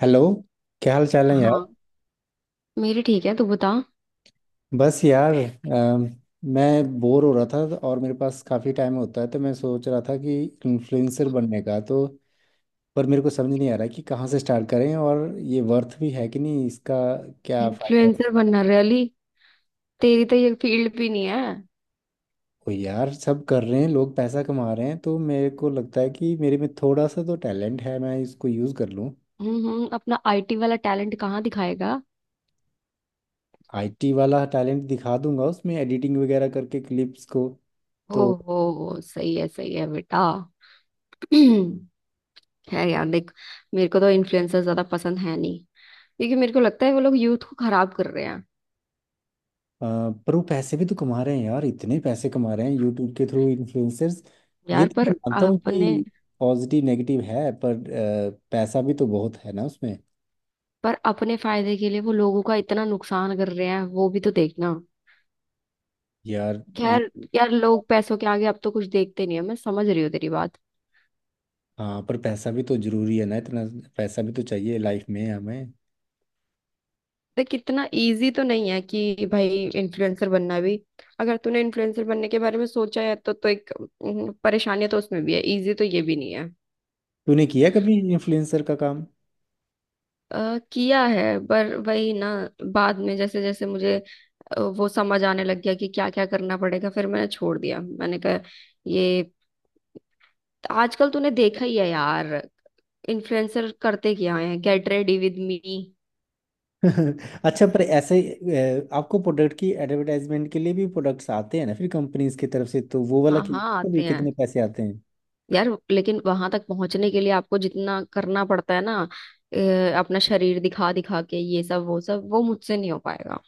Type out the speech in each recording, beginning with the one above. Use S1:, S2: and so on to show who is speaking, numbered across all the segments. S1: Hello. क्या हाल चाल है यार।
S2: हाँ, मेरी ठीक है, तू बता।
S1: बस यार, मैं बोर हो रहा था और मेरे पास काफ़ी टाइम होता है तो मैं सोच रहा था कि इन्फ्लुएंसर बनने का। तो पर मेरे को समझ नहीं आ रहा कि कहाँ से स्टार्ट करें और ये वर्थ भी है कि नहीं इसका क्या फ़ायदा।
S2: इन्फ्लुएंसर बनना रैली? तेरी तो ये फील्ड भी नहीं है।
S1: कोई यार सब कर रहे हैं लोग पैसा कमा रहे हैं तो मेरे को लगता है कि मेरे में थोड़ा सा तो टैलेंट है, मैं इसको यूज़ कर लूँ।
S2: अपना आईटी वाला टैलेंट कहाँ दिखाएगा?
S1: आईटी वाला टैलेंट दिखा दूंगा उसमें एडिटिंग वगैरह करके क्लिप्स को। तो
S2: ओहो सही है बेटा। है यार देख, मेरे को तो इन्फ्लुएंसर ज्यादा पसंद है नहीं। क्योंकि मेरे को लगता है वो लोग यूथ को खराब कर रहे हैं।
S1: अ, पर वो पैसे भी तो कमा रहे हैं यार, इतने पैसे कमा रहे हैं यूट्यूब के थ्रू इन्फ्लुएंसर्स। ये
S2: यार,
S1: तो मैं मानता हूँ
S2: अपने
S1: कि पॉजिटिव नेगेटिव है, पर पैसा भी तो बहुत है ना उसमें।
S2: पर अपने फायदे के लिए वो लोगों का इतना नुकसान कर रहे हैं, वो भी तो देखना।
S1: यार ये।
S2: खैर यार, लोग पैसों के आगे अब तो कुछ देखते नहीं है। मैं समझ रही हूँ तेरी बात।
S1: हाँ, पर पैसा भी तो जरूरी है ना इतना। पैसा भी तो चाहिए लाइफ में हमें।
S2: देख इतना इजी तो नहीं है कि भाई इन्फ्लुएंसर बनना भी। अगर तूने इन्फ्लुएंसर बनने के बारे में सोचा है तो एक परेशानी तो उसमें भी है। इजी तो ये भी नहीं है।
S1: तूने किया कभी इन्फ्लुएंसर का काम?
S2: किया है, पर वही ना। बाद में जैसे जैसे मुझे वो समझ आने लग गया कि क्या क्या करना पड़ेगा, फिर मैंने छोड़ दिया। मैंने कहा ये आजकल तूने देखा ही है यार, इन्फ्लुएंसर करते क्या है, गेट रेडी विद मी।
S1: अच्छा, पर ऐसे आपको प्रोडक्ट की एडवर्टाइजमेंट के लिए भी प्रोडक्ट्स आते हैं ना फिर कंपनीज की तरफ से, तो वो वाला
S2: हाँ
S1: कि
S2: हाँ,
S1: भी
S2: आते हैं।
S1: कितने पैसे आते हैं?
S2: यार लेकिन वहां तक पहुंचने के लिए आपको जितना करना पड़ता है ना, अपना शरीर दिखा दिखा के ये सब वो सब, वो मुझसे नहीं हो पाएगा।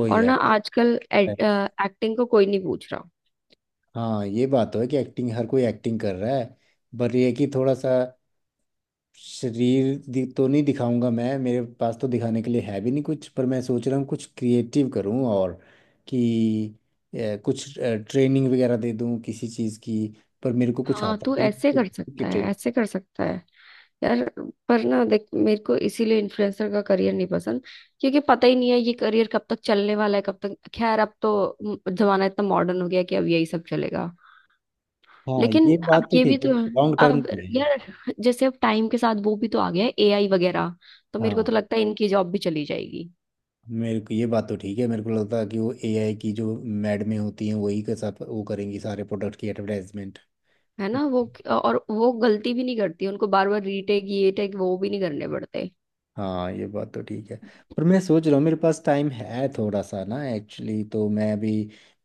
S1: ओ
S2: और
S1: यार।
S2: ना आजकल एक्टिंग को कोई नहीं पूछ रहा।
S1: हाँ, ये बात तो है कि एक्टिंग हर कोई एक्टिंग कर रहा है। पर ये है कि थोड़ा सा शरीर तो नहीं दिखाऊंगा मैं, मेरे पास तो दिखाने के लिए है भी नहीं कुछ, पर मैं सोच रहा हूँ कुछ क्रिएटिव करूँ और कि कुछ ट्रेनिंग वगैरह दे दूँ किसी चीज़ की, पर मेरे को कुछ
S2: हाँ,
S1: आता
S2: तू
S1: भी नहीं
S2: ऐसे
S1: तो
S2: कर
S1: किसकी
S2: सकता
S1: ट्रेनिंग।
S2: है, ऐसे कर सकता है। यार पर ना देख, मेरे को इसीलिए इन्फ्लुएंसर का करियर नहीं पसंद। क्योंकि पता ही नहीं है ये करियर कब तक चलने वाला है, कब तक। खैर अब तो जमाना इतना मॉडर्न हो गया है कि अब यही सब चलेगा।
S1: हाँ,
S2: लेकिन
S1: ये बात
S2: अब
S1: तो
S2: ये भी
S1: ठीक है
S2: तो है।
S1: लॉन्ग टर्म
S2: अब
S1: नहीं है।
S2: यार, जैसे अब टाइम के साथ वो भी तो आ गया है, एआई वगैरह। तो मेरे को
S1: हाँ,
S2: तो लगता है इनकी जॉब भी चली जाएगी।
S1: मेरे को ये बात तो ठीक है, मेरे को लगता है कि वो एआई की जो मैड में होती हैं वही के साथ वो करेंगी सारे प्रोडक्ट की एडवर्टाइजमेंट।
S2: है ना वो। और वो गलती भी नहीं करती, उनको बार बार रीटेक ये टेक वो भी नहीं करने पड़ते।
S1: हाँ, ये बात तो ठीक है, पर मैं सोच रहा हूँ मेरे पास टाइम है थोड़ा सा ना एक्चुअली तो मैं अभी,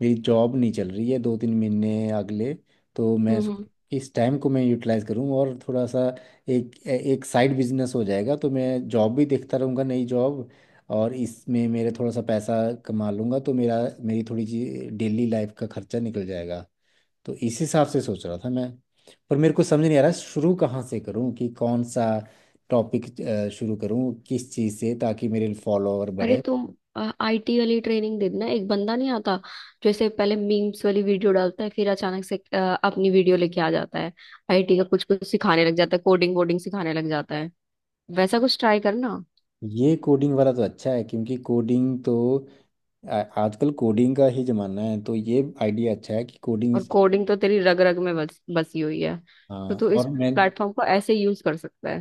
S1: मेरी जॉब नहीं चल रही है 2-3 महीने अगले तो मैं
S2: हम्म
S1: सोच
S2: हम्म।
S1: इस टाइम को मैं यूटिलाइज करूँ और थोड़ा सा एक एक साइड बिजनेस हो जाएगा तो मैं जॉब भी देखता रहूँगा नई जॉब और इसमें मेरे थोड़ा सा पैसा कमा लूँगा तो मेरा मेरी थोड़ी सी डेली लाइफ का खर्चा निकल जाएगा। तो इस हिसाब से सोच रहा था मैं। पर मेरे को समझ नहीं आ रहा शुरू कहाँ से करूँ कि कौन सा टॉपिक शुरू करूँ किस चीज़ से ताकि मेरे फॉलोअर
S2: अरे
S1: बढ़े।
S2: तुम आईटी वाली ट्रेनिंग दे देना। एक बंदा नहीं आता? जैसे पहले मीम्स वाली वीडियो डालता है, फिर अचानक से अपनी वीडियो लेके आ जाता है, आईटी का कुछ कुछ सिखाने लग जाता है, कोडिंग वोडिंग सिखाने लग जाता है। वैसा कुछ ट्राई करना।
S1: ये कोडिंग वाला तो अच्छा है क्योंकि कोडिंग तो आजकल कोडिंग का ही ज़माना है तो ये आइडिया अच्छा है कि कोडिंग।
S2: और कोडिंग तो तेरी रग रग में बस बसी हुई है। तो
S1: हाँ
S2: तू इस
S1: और मैं।
S2: प्लेटफॉर्म को ऐसे यूज कर सकता है।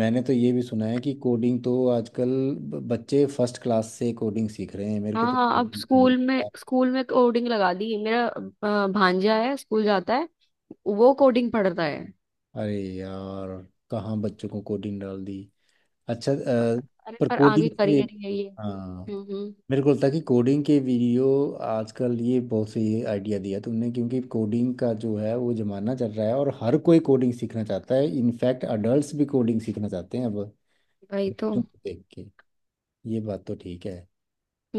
S1: मैंने तो ये भी सुना है कि कोडिंग तो आजकल बच्चे फर्स्ट क्लास से कोडिंग सीख रहे हैं, मेरे को
S2: हाँ
S1: तो
S2: हाँ,
S1: कोडिंग
S2: अब
S1: सुनने
S2: स्कूल
S1: को
S2: में
S1: मिला।
S2: स्कूल में कोडिंग लगा दी। मेरा भांजा है, स्कूल जाता है, वो कोडिंग पढ़ता है।
S1: अरे यार, कहाँ बच्चों को कोडिंग डाल दी। अच्छा
S2: पर- अरे
S1: पर
S2: पर आगे
S1: कोडिंग के।
S2: करियर ही है ये।
S1: हाँ
S2: हम्म,
S1: मेरे को लगता है कि कोडिंग के वीडियो आजकल ये बहुत सही आइडिया दिया तुमने क्योंकि कोडिंग का जो है वो जमाना चल रहा है और हर कोई कोडिंग सीखना चाहता है, इनफैक्ट अडल्ट्स भी कोडिंग सीखना चाहते हैं अब
S2: वही तो।
S1: बच्चों को देख के। ये बात तो ठीक है।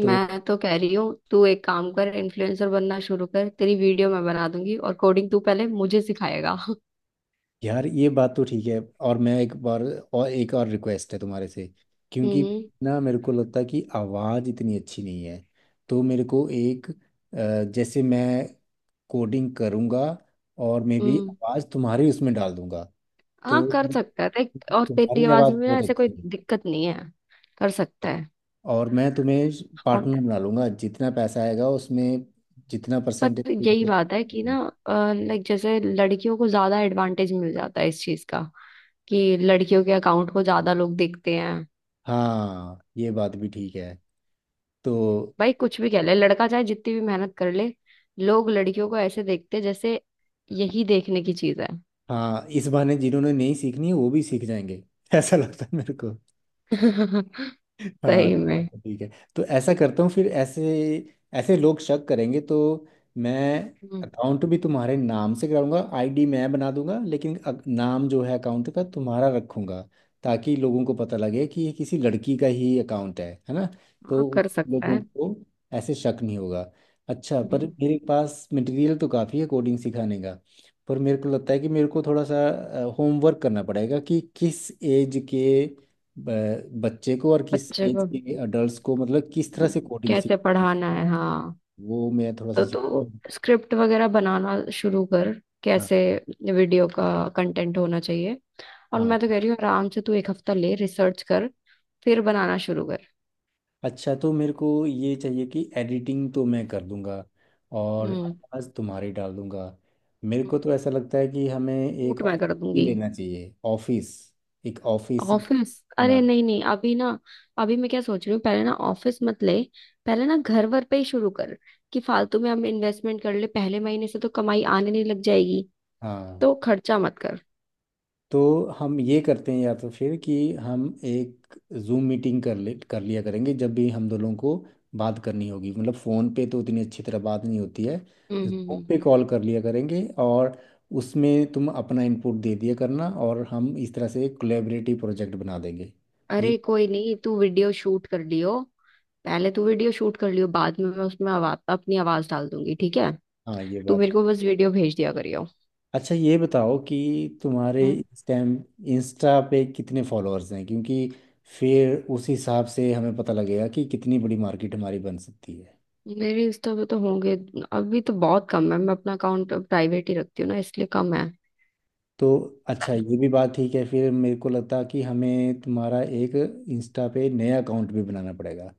S1: तो
S2: तो कह रही हूँ तू एक काम कर, इन्फ्लुएंसर बनना शुरू कर। तेरी वीडियो मैं बना दूंगी और कोडिंग तू पहले मुझे सिखाएगा।
S1: यार ये बात तो ठीक है और मैं एक बार और एक और रिक्वेस्ट है तुम्हारे से क्योंकि
S2: हम्म
S1: ना मेरे को लगता है कि आवाज़ इतनी अच्छी नहीं है तो मेरे को एक जैसे मैं कोडिंग करूंगा और मे बी
S2: हम्म।
S1: आवाज़ तुम्हारी उसमें डाल दूंगा।
S2: हाँ
S1: तो
S2: कर सकता है देख, और तेरी
S1: तुम्हारी
S2: आवाज
S1: आवाज़
S2: में ना
S1: बहुत
S2: ऐसे कोई
S1: अच्छी है
S2: दिक्कत नहीं है। कर सकता है।
S1: और मैं तुम्हें
S2: हम।
S1: पार्टनर बना लूंगा जितना पैसा आएगा उसमें जितना परसेंटेज
S2: पर
S1: तुम
S2: यही बात है कि ना,
S1: लोग-
S2: लाइक जैसे लड़कियों को ज्यादा एडवांटेज मिल जाता है इस चीज का, कि लड़कियों के अकाउंट को ज्यादा लोग देखते हैं।
S1: हाँ ये बात भी ठीक है। तो
S2: भाई कुछ भी कह ले, लड़का चाहे जितनी भी मेहनत कर ले, लोग लड़कियों को ऐसे देखते हैं जैसे यही देखने की चीज है।
S1: हाँ, इस बहाने जिन्होंने नहीं सीखनी है वो भी सीख जाएंगे। ऐसा लगता है मेरे को। हाँ,
S2: सही
S1: बात
S2: में।
S1: तो ठीक है। तो ऐसा करता हूँ, फिर ऐसे ऐसे लोग शक करेंगे तो मैं
S2: हम्म।
S1: अकाउंट भी तुम्हारे नाम से कराऊंगा आईडी मैं बना दूंगा, लेकिन नाम जो है अकाउंट का तुम्हारा रखूंगा ताकि लोगों को पता लगे कि ये किसी लड़की का ही अकाउंट है ना। तो
S2: हाँ कर
S1: उस
S2: सकता
S1: लोगों
S2: है।
S1: को ऐसे शक नहीं होगा। अच्छा, पर
S2: हम्म,
S1: मेरे पास मटेरियल तो काफ़ी है कोडिंग सिखाने का, पर मेरे को लगता है कि मेरे को थोड़ा सा होमवर्क करना पड़ेगा कि किस एज के बच्चे को और किस
S2: बच्चे
S1: एज
S2: को
S1: के अडल्ट को, मतलब किस तरह
S2: हम्म,
S1: से कोडिंग
S2: कैसे
S1: सीखनी
S2: पढ़ाना
S1: है
S2: है, हाँ।
S1: वो मैं थोड़ा
S2: तो
S1: सा सीख।
S2: तू स्क्रिप्ट वगैरह बनाना शुरू कर,
S1: हाँ
S2: कैसे वीडियो का कंटेंट होना चाहिए। और
S1: हाँ हाँ।
S2: मैं तो कह रही हूँ आराम से तू एक हफ्ता ले, रिसर्च कर, फिर बनाना शुरू कर।
S1: अच्छा तो मेरे को ये चाहिए कि एडिटिंग तो मैं कर दूंगा और
S2: हम्म।
S1: आवाज़ तुम्हारी डाल दूंगा। मेरे को तो ऐसा लगता है कि हमें एक
S2: शूट मैं
S1: ऑफिस
S2: कर
S1: ही
S2: दूंगी।
S1: लेना चाहिए ऑफिस एक ऑफिस
S2: ऑफिस? अरे
S1: बनाना।
S2: नहीं नहीं, अभी ना। अभी मैं क्या सोच रही हूँ, पहले ना ऑफिस मत ले, पहले ना घर वर पे ही शुरू कर। कि फालतू में हम इन्वेस्टमेंट कर ले, पहले महीने से तो कमाई आने नहीं लग जाएगी।
S1: हाँ,
S2: तो खर्चा मत कर।
S1: तो हम ये करते हैं या तो फिर कि हम एक जूम मीटिंग कर ले कर लिया करेंगे जब भी हम दोनों को बात करनी होगी, मतलब फ़ोन पे तो उतनी अच्छी तरह बात नहीं होती है।
S2: हम्म हम्म
S1: जूम पे
S2: हम्म।
S1: कॉल कर लिया करेंगे और उसमें तुम अपना इनपुट दे दिया करना और हम इस तरह से एक कोलेबरेटिव प्रोजेक्ट बना देंगे। ये
S2: अरे कोई नहीं, तू वीडियो शूट कर लियो। पहले तू वीडियो शूट कर लियो, बाद में मैं उसमें आवाज अपनी आवाज डाल दूंगी। ठीक है,
S1: हाँ ये
S2: तू
S1: बात।
S2: मेरे को बस वीडियो भेज दिया करियो।
S1: अच्छा, ये बताओ कि तुम्हारे
S2: हम्म।
S1: इस टाइम इंस्टा पे कितने फॉलोअर्स हैं क्योंकि फिर उस हिसाब से हमें पता लगेगा कि कितनी बड़ी मार्केट हमारी बन सकती है।
S2: मेरे इंस्टा पे तो होंगे। अभी तो बहुत कम है, मैं अपना अकाउंट प्राइवेट ही रखती हूँ ना इसलिए कम है।
S1: तो अच्छा, ये भी बात ठीक है, फिर मेरे को लगता कि हमें तुम्हारा एक इंस्टा पे नया अकाउंट भी बनाना पड़ेगा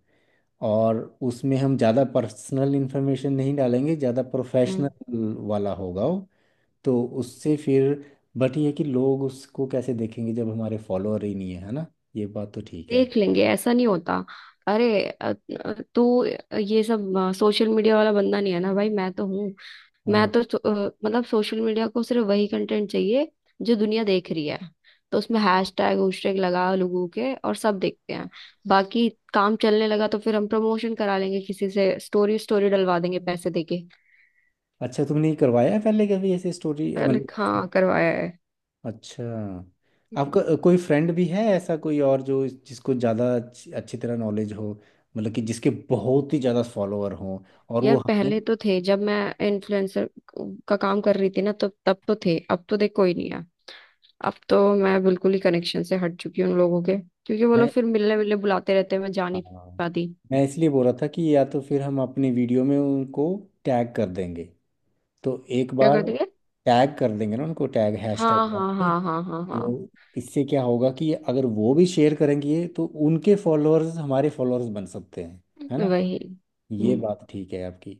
S1: और उसमें हम ज़्यादा पर्सनल इन्फॉर्मेशन नहीं डालेंगे, ज़्यादा
S2: हम्म।
S1: प्रोफेशनल वाला होगा वो। तो उससे फिर बट ये है कि लोग उसको कैसे देखेंगे जब हमारे फॉलोअर ही नहीं है, है ना। ये बात तो ठीक है।
S2: देख लेंगे, ऐसा नहीं होता। अरे अ- तू ये सब सोशल मीडिया वाला बंदा नहीं है ना भाई, मैं तो हूँ। मैं
S1: हाँ,
S2: तो मतलब सोशल मीडिया को सिर्फ वही कंटेंट चाहिए जो दुनिया देख रही है। तो उसमें हैशटैग हैशटैग लगा लोगों के, और सब देखते हैं। बाकी काम चलने लगा तो फिर हम प्रमोशन करा लेंगे, किसी से स्टोरी स्टोरी डलवा देंगे पैसे देके।
S1: अच्छा, तुमने ये करवाया है पहले कभी ऐसे स्टोरी
S2: पहले
S1: मतलब।
S2: हाँ करवाया
S1: अच्छा
S2: है।
S1: आपका कोई फ्रेंड भी है ऐसा कोई और जो जिसको ज़्यादा अच्छी अच्छी तरह नॉलेज हो, मतलब कि जिसके बहुत ही ज़्यादा फॉलोअर हों और वो
S2: यार
S1: हमें।
S2: पहले तो थे, जब मैं इन्फ्लुएंसर का काम कर रही थी ना, तब तब तो थे। अब तो देख कोई नहीं है। अब तो मैं बिल्कुल ही कनेक्शन से हट चुकी हूँ उन लोगों के, क्योंकि वो लोग
S1: मैं।
S2: फिर मिलने मिलने बुलाते रहते हैं, मैं जा नहीं
S1: हाँ,
S2: पाती।
S1: मैं इसलिए बोल रहा था कि या तो फिर हम अपनी वीडियो में उनको टैग कर देंगे तो एक
S2: क्या
S1: बार
S2: कर देंगे?
S1: टैग कर देंगे ना उनको टैग हैशटैग
S2: हाँ
S1: डाल
S2: हाँ
S1: के।
S2: हाँ हाँ हाँ हाँ,
S1: तो इससे क्या होगा कि अगर वो भी शेयर करेंगे तो उनके फॉलोअर्स हमारे फॉलोअर्स बन सकते हैं, है ना।
S2: वही।
S1: ये
S2: हम्म
S1: बात ठीक है आपकी।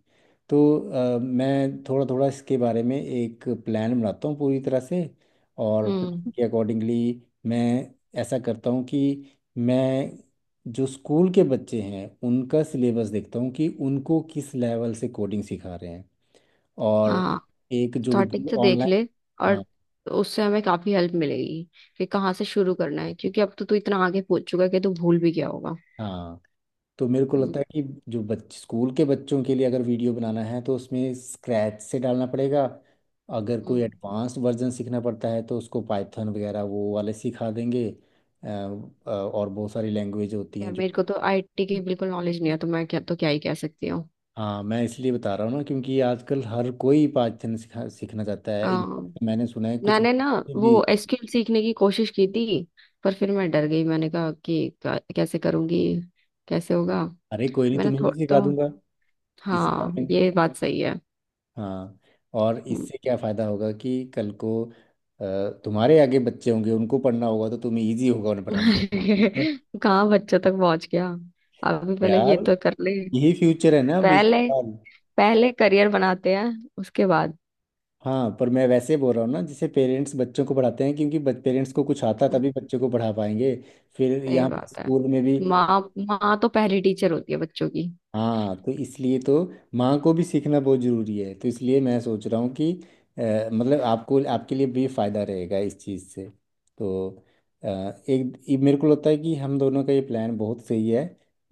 S1: तो मैं थोड़ा थोड़ा इसके बारे में एक प्लान बनाता हूँ पूरी तरह से और
S2: हम्म।
S1: प्लान के अकॉर्डिंगली मैं ऐसा करता हूँ कि मैं जो स्कूल के बच्चे हैं उनका सिलेबस देखता हूँ कि उनको किस लेवल से कोडिंग सिखा रहे हैं और
S2: हाँ
S1: एक जो
S2: स्टार्टिंग से देख ले।
S1: ऑनलाइन। हाँ।
S2: और उससे हमें काफी हेल्प मिलेगी कि कहाँ से शुरू करना है, क्योंकि अब तो तू इतना आगे पहुंच चुका है कि तू भूल भी गया होगा।
S1: हाँ तो मेरे को
S2: हम्म
S1: लगता है कि जो बच स्कूल के बच्चों के लिए अगर वीडियो बनाना है तो उसमें स्क्रैच से डालना पड़ेगा, अगर कोई
S2: हम्म।
S1: एडवांस वर्जन सीखना पड़ता है तो उसको पाइथन वगैरह वो वाले सिखा देंगे। और बहुत सारी लैंग्वेज होती
S2: यार
S1: हैं जो।
S2: मेरे को तो आईटी की बिल्कुल नॉलेज नहीं है, तो मैं क्या तो क्या ही कह सकती हूँ।
S1: हाँ, मैं इसलिए बता रहा हूँ ना क्योंकि आजकल हर कोई पाइथन सिखा सीखना चाहता है,
S2: अम,
S1: इनफैक्ट मैंने सुना है कुछ
S2: मैंने ना
S1: बच्चे भी।
S2: वो एसक्यूएल सीखने की कोशिश की थी, पर फिर मैं डर गई। मैंने कहा कि कैसे करूंगी, कैसे होगा।
S1: अरे कोई नहीं
S2: मैंने
S1: तुम्हें भी
S2: थोड़ा
S1: सिखा
S2: तो,
S1: दूंगा इसी
S2: हाँ,
S1: बारे में।
S2: ये बात सही है।
S1: हाँ और
S2: हम्म।
S1: इससे क्या फायदा होगा कि कल को तुम्हारे आगे बच्चे होंगे उनको पढ़ना होगा तो तुम्हें इजी होगा उन्हें पढ़ाने में। ठीक है
S2: कहाँ बच्चों तक पहुंच गया, अभी पहले ये
S1: यार
S2: तो कर ले।
S1: यही फ्यूचर है ना अभी
S2: पहले
S1: साल।
S2: पहले करियर बनाते हैं, उसके बाद।
S1: हाँ, पर मैं वैसे बोल रहा हूँ ना जैसे पेरेंट्स बच्चों को पढ़ाते हैं क्योंकि पेरेंट्स को कुछ आता
S2: हम्म,
S1: तभी बच्चे को पढ़ा पाएंगे फिर
S2: सही
S1: यहाँ पे
S2: बात है।
S1: स्कूल में भी।
S2: माँ माँ तो पहली टीचर होती है बच्चों की।
S1: हाँ तो इसलिए तो माँ को भी सीखना बहुत ज़रूरी है तो इसलिए मैं सोच रहा हूँ कि मतलब आपको आपके लिए भी फ़ायदा रहेगा इस चीज़ से। तो एक ये मेरे को लगता है कि हम दोनों का ये प्लान बहुत सही है,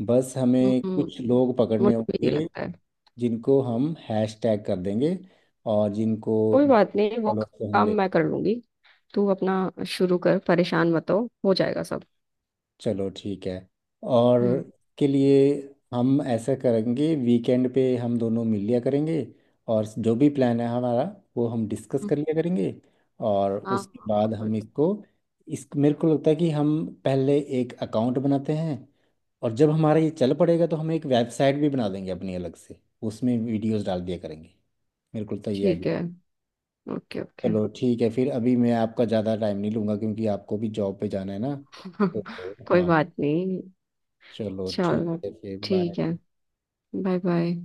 S1: बस हमें
S2: हम्म,
S1: कुछ लोग
S2: मुझे
S1: पकड़ने
S2: भी यही
S1: होंगे
S2: लगता है।
S1: जिनको हम हैश टैग कर देंगे, और जिनको
S2: कोई बात नहीं, वो
S1: फॉलोअर्स हम
S2: काम
S1: ले।
S2: मैं कर लूंगी। तू अपना शुरू कर, परेशान मत हो, हो जाएगा सब।
S1: चलो ठीक है और
S2: हम्म
S1: के लिए हम ऐसा करेंगे वीकेंड पे हम दोनों मिल लिया करेंगे और जो भी प्लान है हमारा वो हम डिस्कस
S2: हम्म,
S1: कर लिया करेंगे और
S2: हाँ
S1: उसके
S2: हाँ
S1: बाद हम
S2: बिल्कुल।
S1: इसको इस मेरे को लगता है कि हम पहले एक अकाउंट बनाते हैं और जब हमारा ये चल पड़ेगा तो हम एक वेबसाइट भी बना देंगे अपनी अलग से उसमें वीडियोस डाल दिया करेंगे मेरे को तो ये
S2: ठीक
S1: आइडिया।
S2: है, ओके ओके।
S1: चलो ठीक है, फिर अभी मैं आपका ज़्यादा टाइम नहीं लूँगा क्योंकि आपको भी जॉब पे जाना है ना। तो
S2: कोई
S1: हाँ,
S2: बात नहीं।
S1: चलो ठीक
S2: चलो
S1: है फिर बाय।
S2: ठीक है, बाय बाय।